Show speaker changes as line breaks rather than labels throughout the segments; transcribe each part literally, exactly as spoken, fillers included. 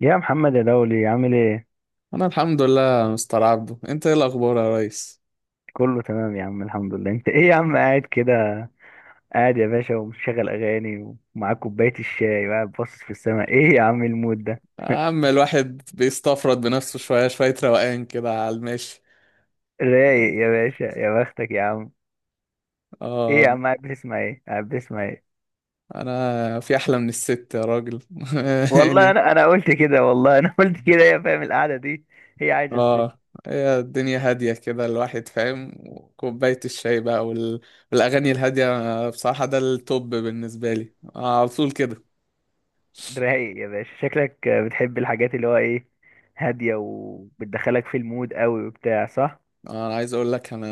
يا محمد يا دولي، عامل ايه؟
انا الحمد لله يا مستر عبده، انت ايه الاخبار يا ريس؟
كله تمام يا عم، الحمد لله. انت ايه يا عم قاعد كده؟ قاعد يا باشا، ومشغل اغاني، ومعاك كوبايه الشاي، وقاعد باصص في السماء. ايه يا عم المود ده؟
يا عم الواحد بيستفرد بنفسه شويه شويه، روقان كده على المشي.
رايق يا باشا، يا بختك يا عم. ايه
اه.
يا عم؟ قاعد بتسمع ايه قاعد بتسمع ايه
انا في احلى من الست يا راجل.
والله
يعني.
انا انا قلت كده، والله انا قلت كده يا فاهم، القعده دي. هي عايزه الست.
اه. هي الدنيا هاديه كده الواحد فاهم، وكوبايه الشاي بقى، وال... والاغاني الهاديه بصراحه، ده التوب بالنسبه لي، آه على طول كده.
رايق يا باشا، شكلك بتحب الحاجات اللي هو ايه، هاديه وبتدخلك في المود قوي وبتاع، صح؟
انا عايز اقول لك، انا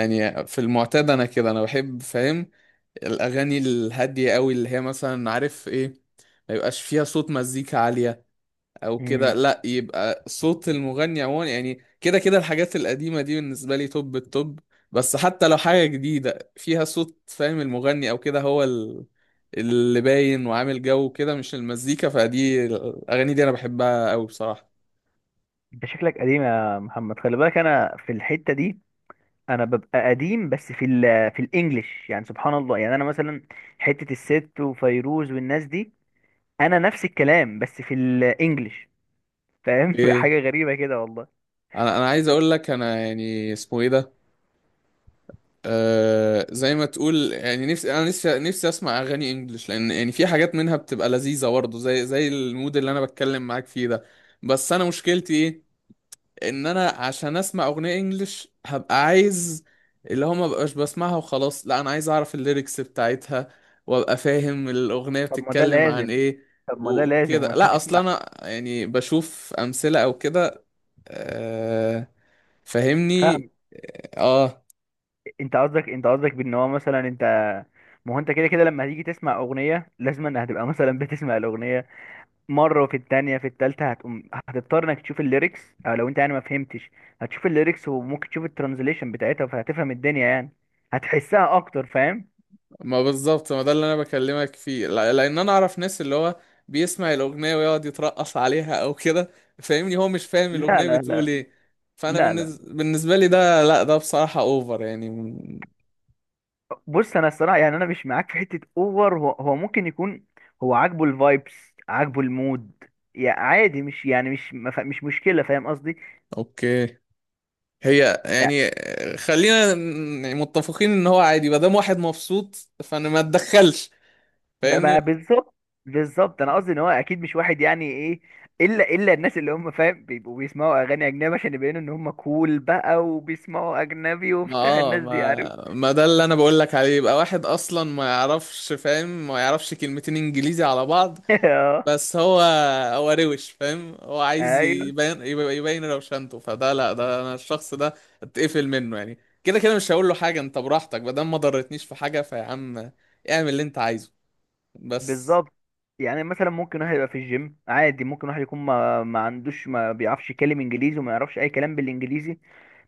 يعني في المعتاد انا كده انا بحب فاهم الاغاني الهاديه قوي، اللي هي مثلا عارف ايه، ما يبقاش فيها صوت مزيكا عاليه او كده، لا يبقى صوت المغني عموما، يعني كده كده الحاجات القديمه دي بالنسبه لي توب التوب. بس حتى لو حاجه جديده فيها صوت فاهم المغني او كده، هو ال- اللي باين وعامل جو كده، مش المزيكا، فدي الاغاني دي انا بحبها قوي بصراحه.
انت شكلك قديم يا محمد. خلي بالك انا في الحته دي، انا ببقى قديم بس في ال في الانجليش، يعني سبحان الله، يعني انا مثلا حته الست وفيروز والناس دي، انا نفس الكلام بس في الانجليش. فاهم؟
ايه؟
حاجه غريبه كده والله.
انا انا عايز اقول لك، انا يعني اسمه ايه ده، آه زي ما تقول يعني نفسي، انا نفسي نفسي اسمع اغاني انجلش، لان يعني في حاجات منها بتبقى لذيذه برضه، زي زي المود اللي انا بتكلم معاك فيه ده. بس انا مشكلتي ايه؟ ان انا عشان اسمع اغنيه انجلش هبقى عايز، اللي هو ما بقاش بسمعها وخلاص لا، انا عايز اعرف الليركس بتاعتها، وابقى فاهم الاغنيه
طب ما ده
بتتكلم عن
لازم
ايه
طب ما ده لازم
وكده،
هو انت
لا اصلا
هتسمع.
انا يعني بشوف امثله او كده. آه. فاهمني.
فاهم.
اه.
انت قصدك انت قصدك بان هو مثلا انت، ما هو انت كده كده لما هتيجي تسمع اغنيه، لازم ان هتبقى مثلا بتسمع الاغنيه مره، وفي التانية في التالتة هتقوم، هتضطر انك تشوف الليركس. او لو انت يعني ما فهمتش، هتشوف الليركس، وممكن تشوف الترانزليشن بتاعتها، فهتفهم الدنيا يعني، هتحسها اكتر، فاهم؟
ما بالظبط، ما ده اللي انا بكلمك فيه، لا- لان انا اعرف ناس اللي هو بيسمع الاغنيه ويقعد يترقص عليها او كده، فاهمني، هو مش فاهم
لا،
الاغنيه
لا،
بتقول
لا.
ايه. فانا
لا، لا.
بالنز... بالنسبه لي ده، لا ده بصراحه اوفر يعني م-
بص، انا الصراحه يعني انا مش معاك في حته اوفر. هو, هو ممكن يكون هو عاجبه الفايبس، عاجبه المود. يعني عادي، مش يعني مش ما ف- مش مشكله، فاهم قصدي؟
اوكي. هي يعني، آه، خلينا ن- يعني متفقين ان هو عادي، ما دام واحد مبسوط فانا ما اتدخلش،
ب- ما
فاهمني.
بالظبط. بالظبط، انا قصدي ان هو اكيد مش واحد يعني ايه، الا الا الناس اللي هم فاهم بيبقوا بيسمعوا اغاني اجنبي عشان يبينوا ان هم كول بقى، وبيسمعوا اجنبي
ما
وبتاع
اه
الناس دي، عارف؟
ما ما ده اللي انا بقول لك عليه، يبقى واحد اصلا ما يعرفش فاهم، ما يعرفش كلمتين انجليزي على بعض،
اه.
بس هو هو روش فاهم، هو عايز
ايوه.
يبين، يبقى يبين روشنته، فده لا، ده انا الشخص ده اتقفل منه يعني، كده كده مش هقول له حاجه، انت براحتك ما دام ما ضرتنيش في حاجه، فيا عم اعمل اللي انت عايزه بس.
بالظبط، يعني مثلا ممكن واحد يبقى في الجيم عادي، ممكن واحد يكون ما, ما عندوش، ما بيعرفش يتكلم انجليزي، وما يعرفش اي كلام بالانجليزي.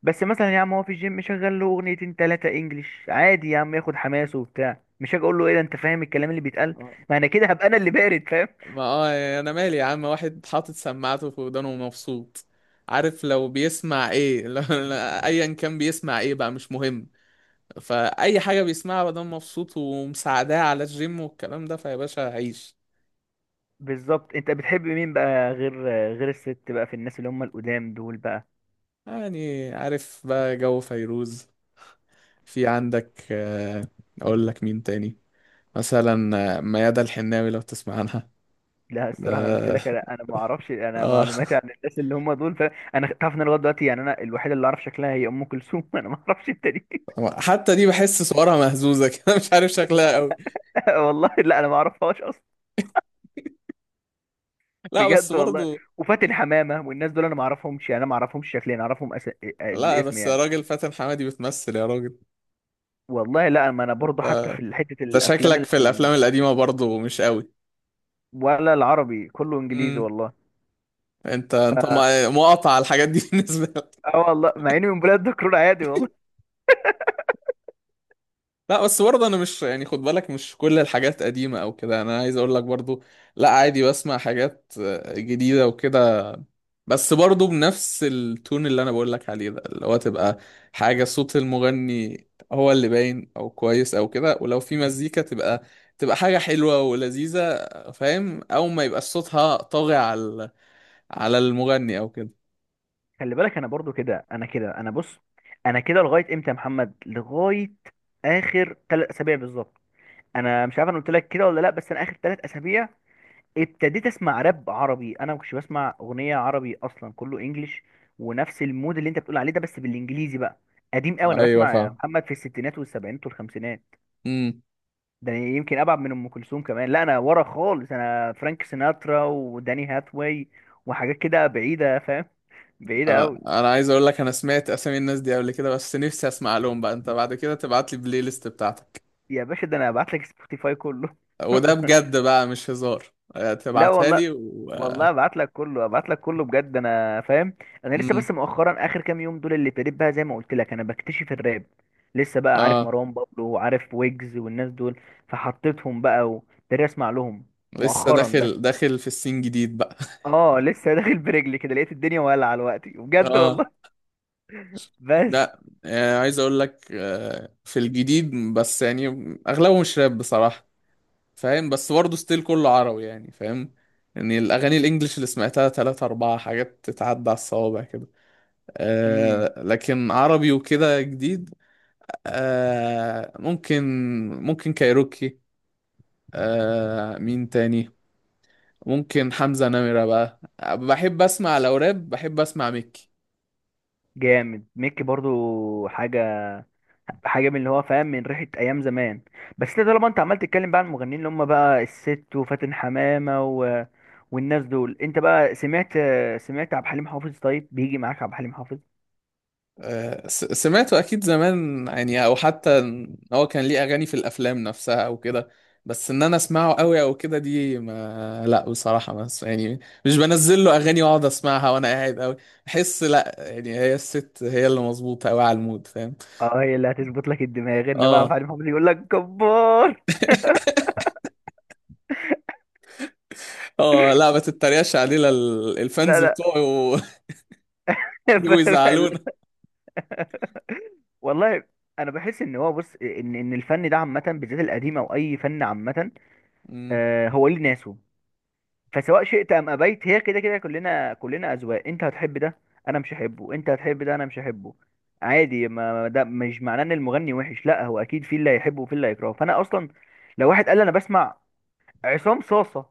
بس مثلا يا عم هو في الجيم شغال له اغنيتين ثلاثه انجليش عادي، يا عم ياخد حماسه وبتاع، مش هاجي اقول له ايه ده انت فاهم الكلام اللي بيتقال، ما انا كده هبقى انا اللي بارد، فاهم؟
ما اه يعني انا مالي يا عم، واحد حاطط سماعته في ودانه ومبسوط، عارف لو بيسمع ايه. لو ايا كان بيسمع ايه بقى مش مهم، فاي حاجه بيسمعها ما دام مبسوط ومساعداه على الجيم والكلام ده، فيا باشا عيش.
بالظبط. انت بتحب مين بقى غير غير الست بقى، في الناس اللي هم القدام دول بقى؟
يعني عارف بقى جو فيروز، في عندك آه، اقول لك مين تاني؟ مثلا آه، ميادة الحناوي لو تسمع عنها.
لا
ده
الصراحه، انا قلت لك لا، انا ما اعرفش، انا
اه.
معلوماتي عن الناس اللي هم دول، فانا انا تعرف ان انا لغايه دلوقتي يعني انا الوحيد اللي اعرف شكلها هي ام كلثوم، انا ما اعرفش التاني.
حتى دي بحس صورها مهزوزة كده، مش عارف شكلها قوي.
والله لا، انا ما اعرفهاش اصلا.
لا بس
بجد والله.
برضو.
وفاتن حمامه والنس دول انا ما اعرفهمش، يعني انا ما اعرفهمش شكليا، انا اعرفهم أس... آه،
لا
بالاسم
بس يا
يعني.
راجل، فاتن حمادي بتمثل يا راجل.
والله لا، ما انا برضو حتى
ده,
في حته
ده
الافلام
شكلك في
ال...
الافلام القديمة برضو مش قوي.
ولا العربي، كله انجليزي
امم.
والله.
انت انت
ف
مقاطع على الحاجات دي بالنسبة.
اه والله، مع اني من بلاد دكرور عادي والله.
لا بس برضه انا مش يعني، خد بالك مش كل الحاجات قديمة او كده، انا عايز اقول لك برضه، لا عادي بسمع حاجات آه، جديدة وكده، بس برضه بنفس التون اللي انا بقول لك عليه ده، اللي هو تبقى حاجة صوت المغني هو اللي باين او كويس او كده، ولو في مزيكا تبقى تبقى حاجة حلوة ولذيذة، فاهم، او ما يبقى صوتها طاغي على على المغني او كده.
خلي بالك انا برضو كده، انا كده انا بص، انا كده لغايه امتى يا محمد؟ لغايه اخر ثلاث اسابيع بالظبط. انا مش عارف انا قلت لك كده ولا لا، بس انا اخر ثلاث اسابيع ابتديت اسمع راب عربي. انا ما كنتش بسمع اغنيه عربي اصلا، كله انجليش. ونفس المود اللي انت بتقول عليه ده بس بالانجليزي بقى، قديم قوي. انا
ايوه
بسمع يا
فاهم.
محمد في الستينات والسبعينات والخمسينات.
امم.
ده أنا يمكن ابعد من ام كلثوم كمان، لا انا ورا خالص، انا فرانك سيناترا وداني هاثواي وحاجات كده بعيده، فاهم؟ بعيده
انا
قوي.
انا عايز اقول لك، انا سمعت اسامي الناس دي قبل كده، بس نفسي اسمع لهم بقى، انت بعد كده تبعت لي البلاي ليست بتاعتك.
يا باشا ده انا هبعت لك سبوتيفاي كله.
وده بجد بقى مش هزار، آه،
لا
تبعتها
والله.
لي و...
والله ابعت لك كله، ابعت لك كله بجد، انا فاهم. انا لسه بس
امم.
مؤخرا، اخر كام يوم دول اللي ابتديت بقى، زي ما قلت لك انا بكتشف الراب لسه بقى، عارف
اه
مروان بابلو، وعارف ويجز والناس دول، فحطيتهم بقى وابتديت اسمع لهم
لسه
مؤخرا بس.
داخل داخل في السين جديد بقى.
اه لسه داخل برجلي كده، لقيت الدنيا ولعه دلوقتي بجد
اه.
والله. بس.
لا، آه، عايز اقول لك آه، في الجديد، بس يعني اغلبهم شراب بصراحة، فاهم، بس برضه ستيل كله عربي يعني، فاهم، يعني الاغاني الانجليش اللي سمعتها ثلاثة اربعة حاجات تتعدى على الصوابع كده.
امم.
آه لكن عربي وكده جديد، آه ممكن، ممكن كايروكي، آه مين تاني، ممكن حمزة نمرة بقى، آه، بحب اسمع لو راب، بحب اسمع ميكي.
جامد ميكي برضو، حاجه، حاجه من اللي هو، فاهم، من ريحه ايام زمان. بس انت طالما انت عمال تتكلم بقى عن المغنيين اللي هم بقى الست وفاتن حمامه و... والناس دول، انت بقى سمعت سمعت عبد الحليم حافظ؟ طيب، بيجي معاك عبد الحليم حافظ؟
آه س- سمعته اكيد زمان يعني، او حتى إن هو كان ليه اغاني في الافلام نفسها او كده، بس ان انا اسمعه قوي او كده دي ما، لا بصراحة ما أس- يعني مش بنزل له اغاني واقعد اسمعها، وانا قاعد قوي بحس لا، يعني هي الست هي اللي مظبوطة قوي على المود فاهم.
اه، هي اللي هتظبط لك الدماغ، انما عبد
اه.
الحليم حافظ يقول لك كبار.
اه لا، ما تتريقش علينا، ال-
لا،
الفانز
لا.
بتوعي و- يجوا
فاهم؟ لا.
يزعلونا.
والله. انا بحس ان هو، بص، ان ان الفن ده عامه، بالذات القديم، او اي فن عامه،
مم.
آه، هو ليه ناسه. فسواء شئت ام ابيت، هي كده كده، كلنا كلنا اذواق. انت هتحب ده انا مش هحبه، انت هتحب ده انا مش هحبه، عادي. ما ما ده مش معناه ان المغني وحش، لا هو اكيد في اللي هيحبه وفي اللي هيكرهه. فانا اصلا لو واحد قال لي انا بسمع عصام صاصه،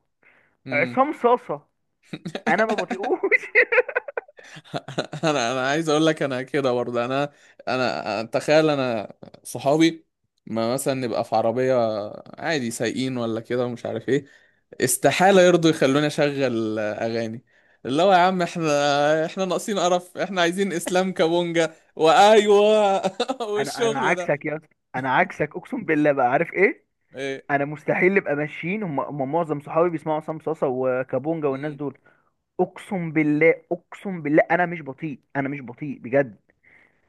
مم.
عصام صاصه، انا ما بطيقوش.
انا انا عايز اقول لك، انا كده برضه، انا انا أنا- تخيل، انا صحابي، ما مثلا نبقى في عربية عادي، سايقين ولا كده ومش عارف ايه، استحالة يرضوا يخلوني اشغل اغاني، اللي هو يا عم احنا، احنا ناقصين قرف، احنا عايزين اسلام كابونجا وايوه.
انا انا
والشغل ده
عكسك يا اسطى، انا عكسك اقسم بالله بقى، عارف ايه؟
ايه.
انا مستحيل نبقى ماشيين، هم هم معظم صحابي بيسمعوا عصام صاصه وكابونجا والناس
مم.
دول. اقسم بالله، اقسم بالله انا مش بطيء، انا مش بطيء بجد،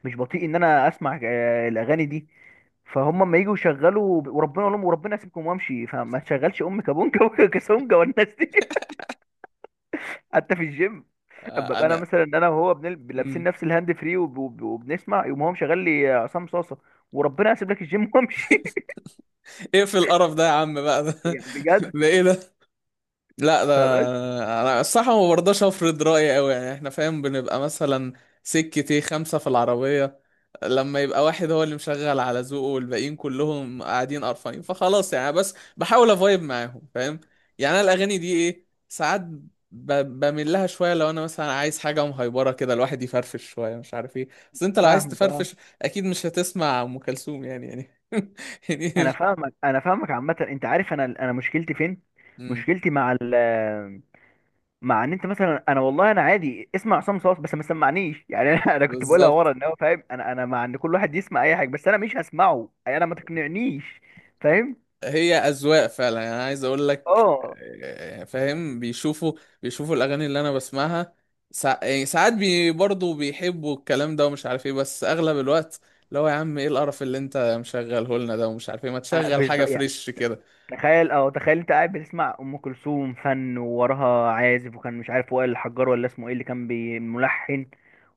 مش بطيء ان انا اسمع، آه، الاغاني دي. فهم اما يجوا يشغلوا، وربنا اقول لهم وربنا يسيبكم وامشي، فما تشغلش ام كابونجا وكاسونجا والناس دي. حتى في الجيم، اما
آه،
ابقى انا
انا.
مثلا انا وهو بنل- لابسين
مم.
نفس الهاند فري وب- وب- وبنسمع، يقوم هو مشغل لي عصام صاصه، وربنا يسيب لك الجيم وامشي.
اقفل القرف ده يا عم بقى، ده,
يعني بجد.
ده ايه ده، لا ده،
فبس.
انا الصراحه ما برضاش افرض رايي قوي، يعني احنا فاهم بنبقى مثلا سكة ايه خمسة في العربية، لما يبقى واحد هو اللي مشغل على ذوقه والباقيين كلهم قاعدين قرفانين، فخلاص يعني بس بحاول افايب معاهم فاهم، يعني انا الاغاني دي ايه، ساعات ب- بميل لها شوية لو انا مثلا عايز حاجة مهيبرة كده، الواحد يفرفش شوية مش عارف ايه، بس انت لو عايز
فاهمك، اه.
تفرفش اكيد مش هتسمع ام كلثوم يعني، يعني يعني
انا
مش-
فاهمك، انا فاهمك عامه، انت عارف انا انا مشكلتي فين،
مم.
مشكلتي مع مع ان انت مثلا، انا والله انا عادي اسمع عصام صاص بس ما سمعنيش، يعني انا انا كنت بقولها
بالظبط.
ورا ان هو فاهم، انا انا مع ان كل واحد يسمع اي حاجه، بس انا مش هسمعه، يعني انا ما تقنعنيش، فاهم؟
هي اذواق فعلا يعني، انا عايز اقول لك
اه.
آه، فاهم، بيشوفوا بيشوفوا الاغاني اللي انا بسمعها، سا... يعني ساعات بي... برضه بيحبوا الكلام ده ومش عارف ايه، بس اغلب الوقت اللي هو يا عم ايه القرف اللي انت مشغله لنا ده، ومش عارف ايه، ما
أنا
تشغل حاجه
بالظبط يعني،
فريش كده.
تخيل اه تخيل انت قاعد بتسمع ام كلثوم، فن، ووراها عازف، وكان مش عارف، وائل الحجار ولا اسمه ايه اللي كان بي- ملحن،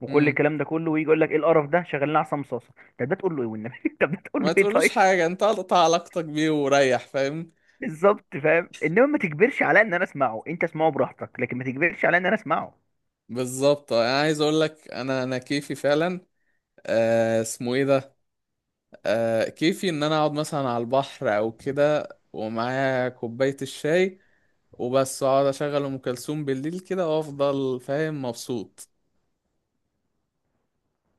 وكل
امم.
الكلام ده كله، ويجي يقول لك ايه القرف ده شغال لنا عصام صاصه؟ طب ده تقول له ايه والنبي؟ طب ده تقول
ما
له ايه
تقولوش
طيب؟
حاجه، انت قطع علاقتك بيه وريح فاهم.
بالظبط، فاهم، انما ما تجبرش على ان انا اسمعه، انت اسمعه براحتك، لكن ما تجبرش على ان انا اسمعه.
بالظبط، آه، انا عايز اقول لك، انا انا كيفي فعلا، آه اسمه ايه ده، آه كيفي ان انا اقعد مثلا على البحر او كده، ومعايا كوبايه الشاي وبس، اقعد اشغل ام كلثوم بالليل كده وافضل فاهم مبسوط.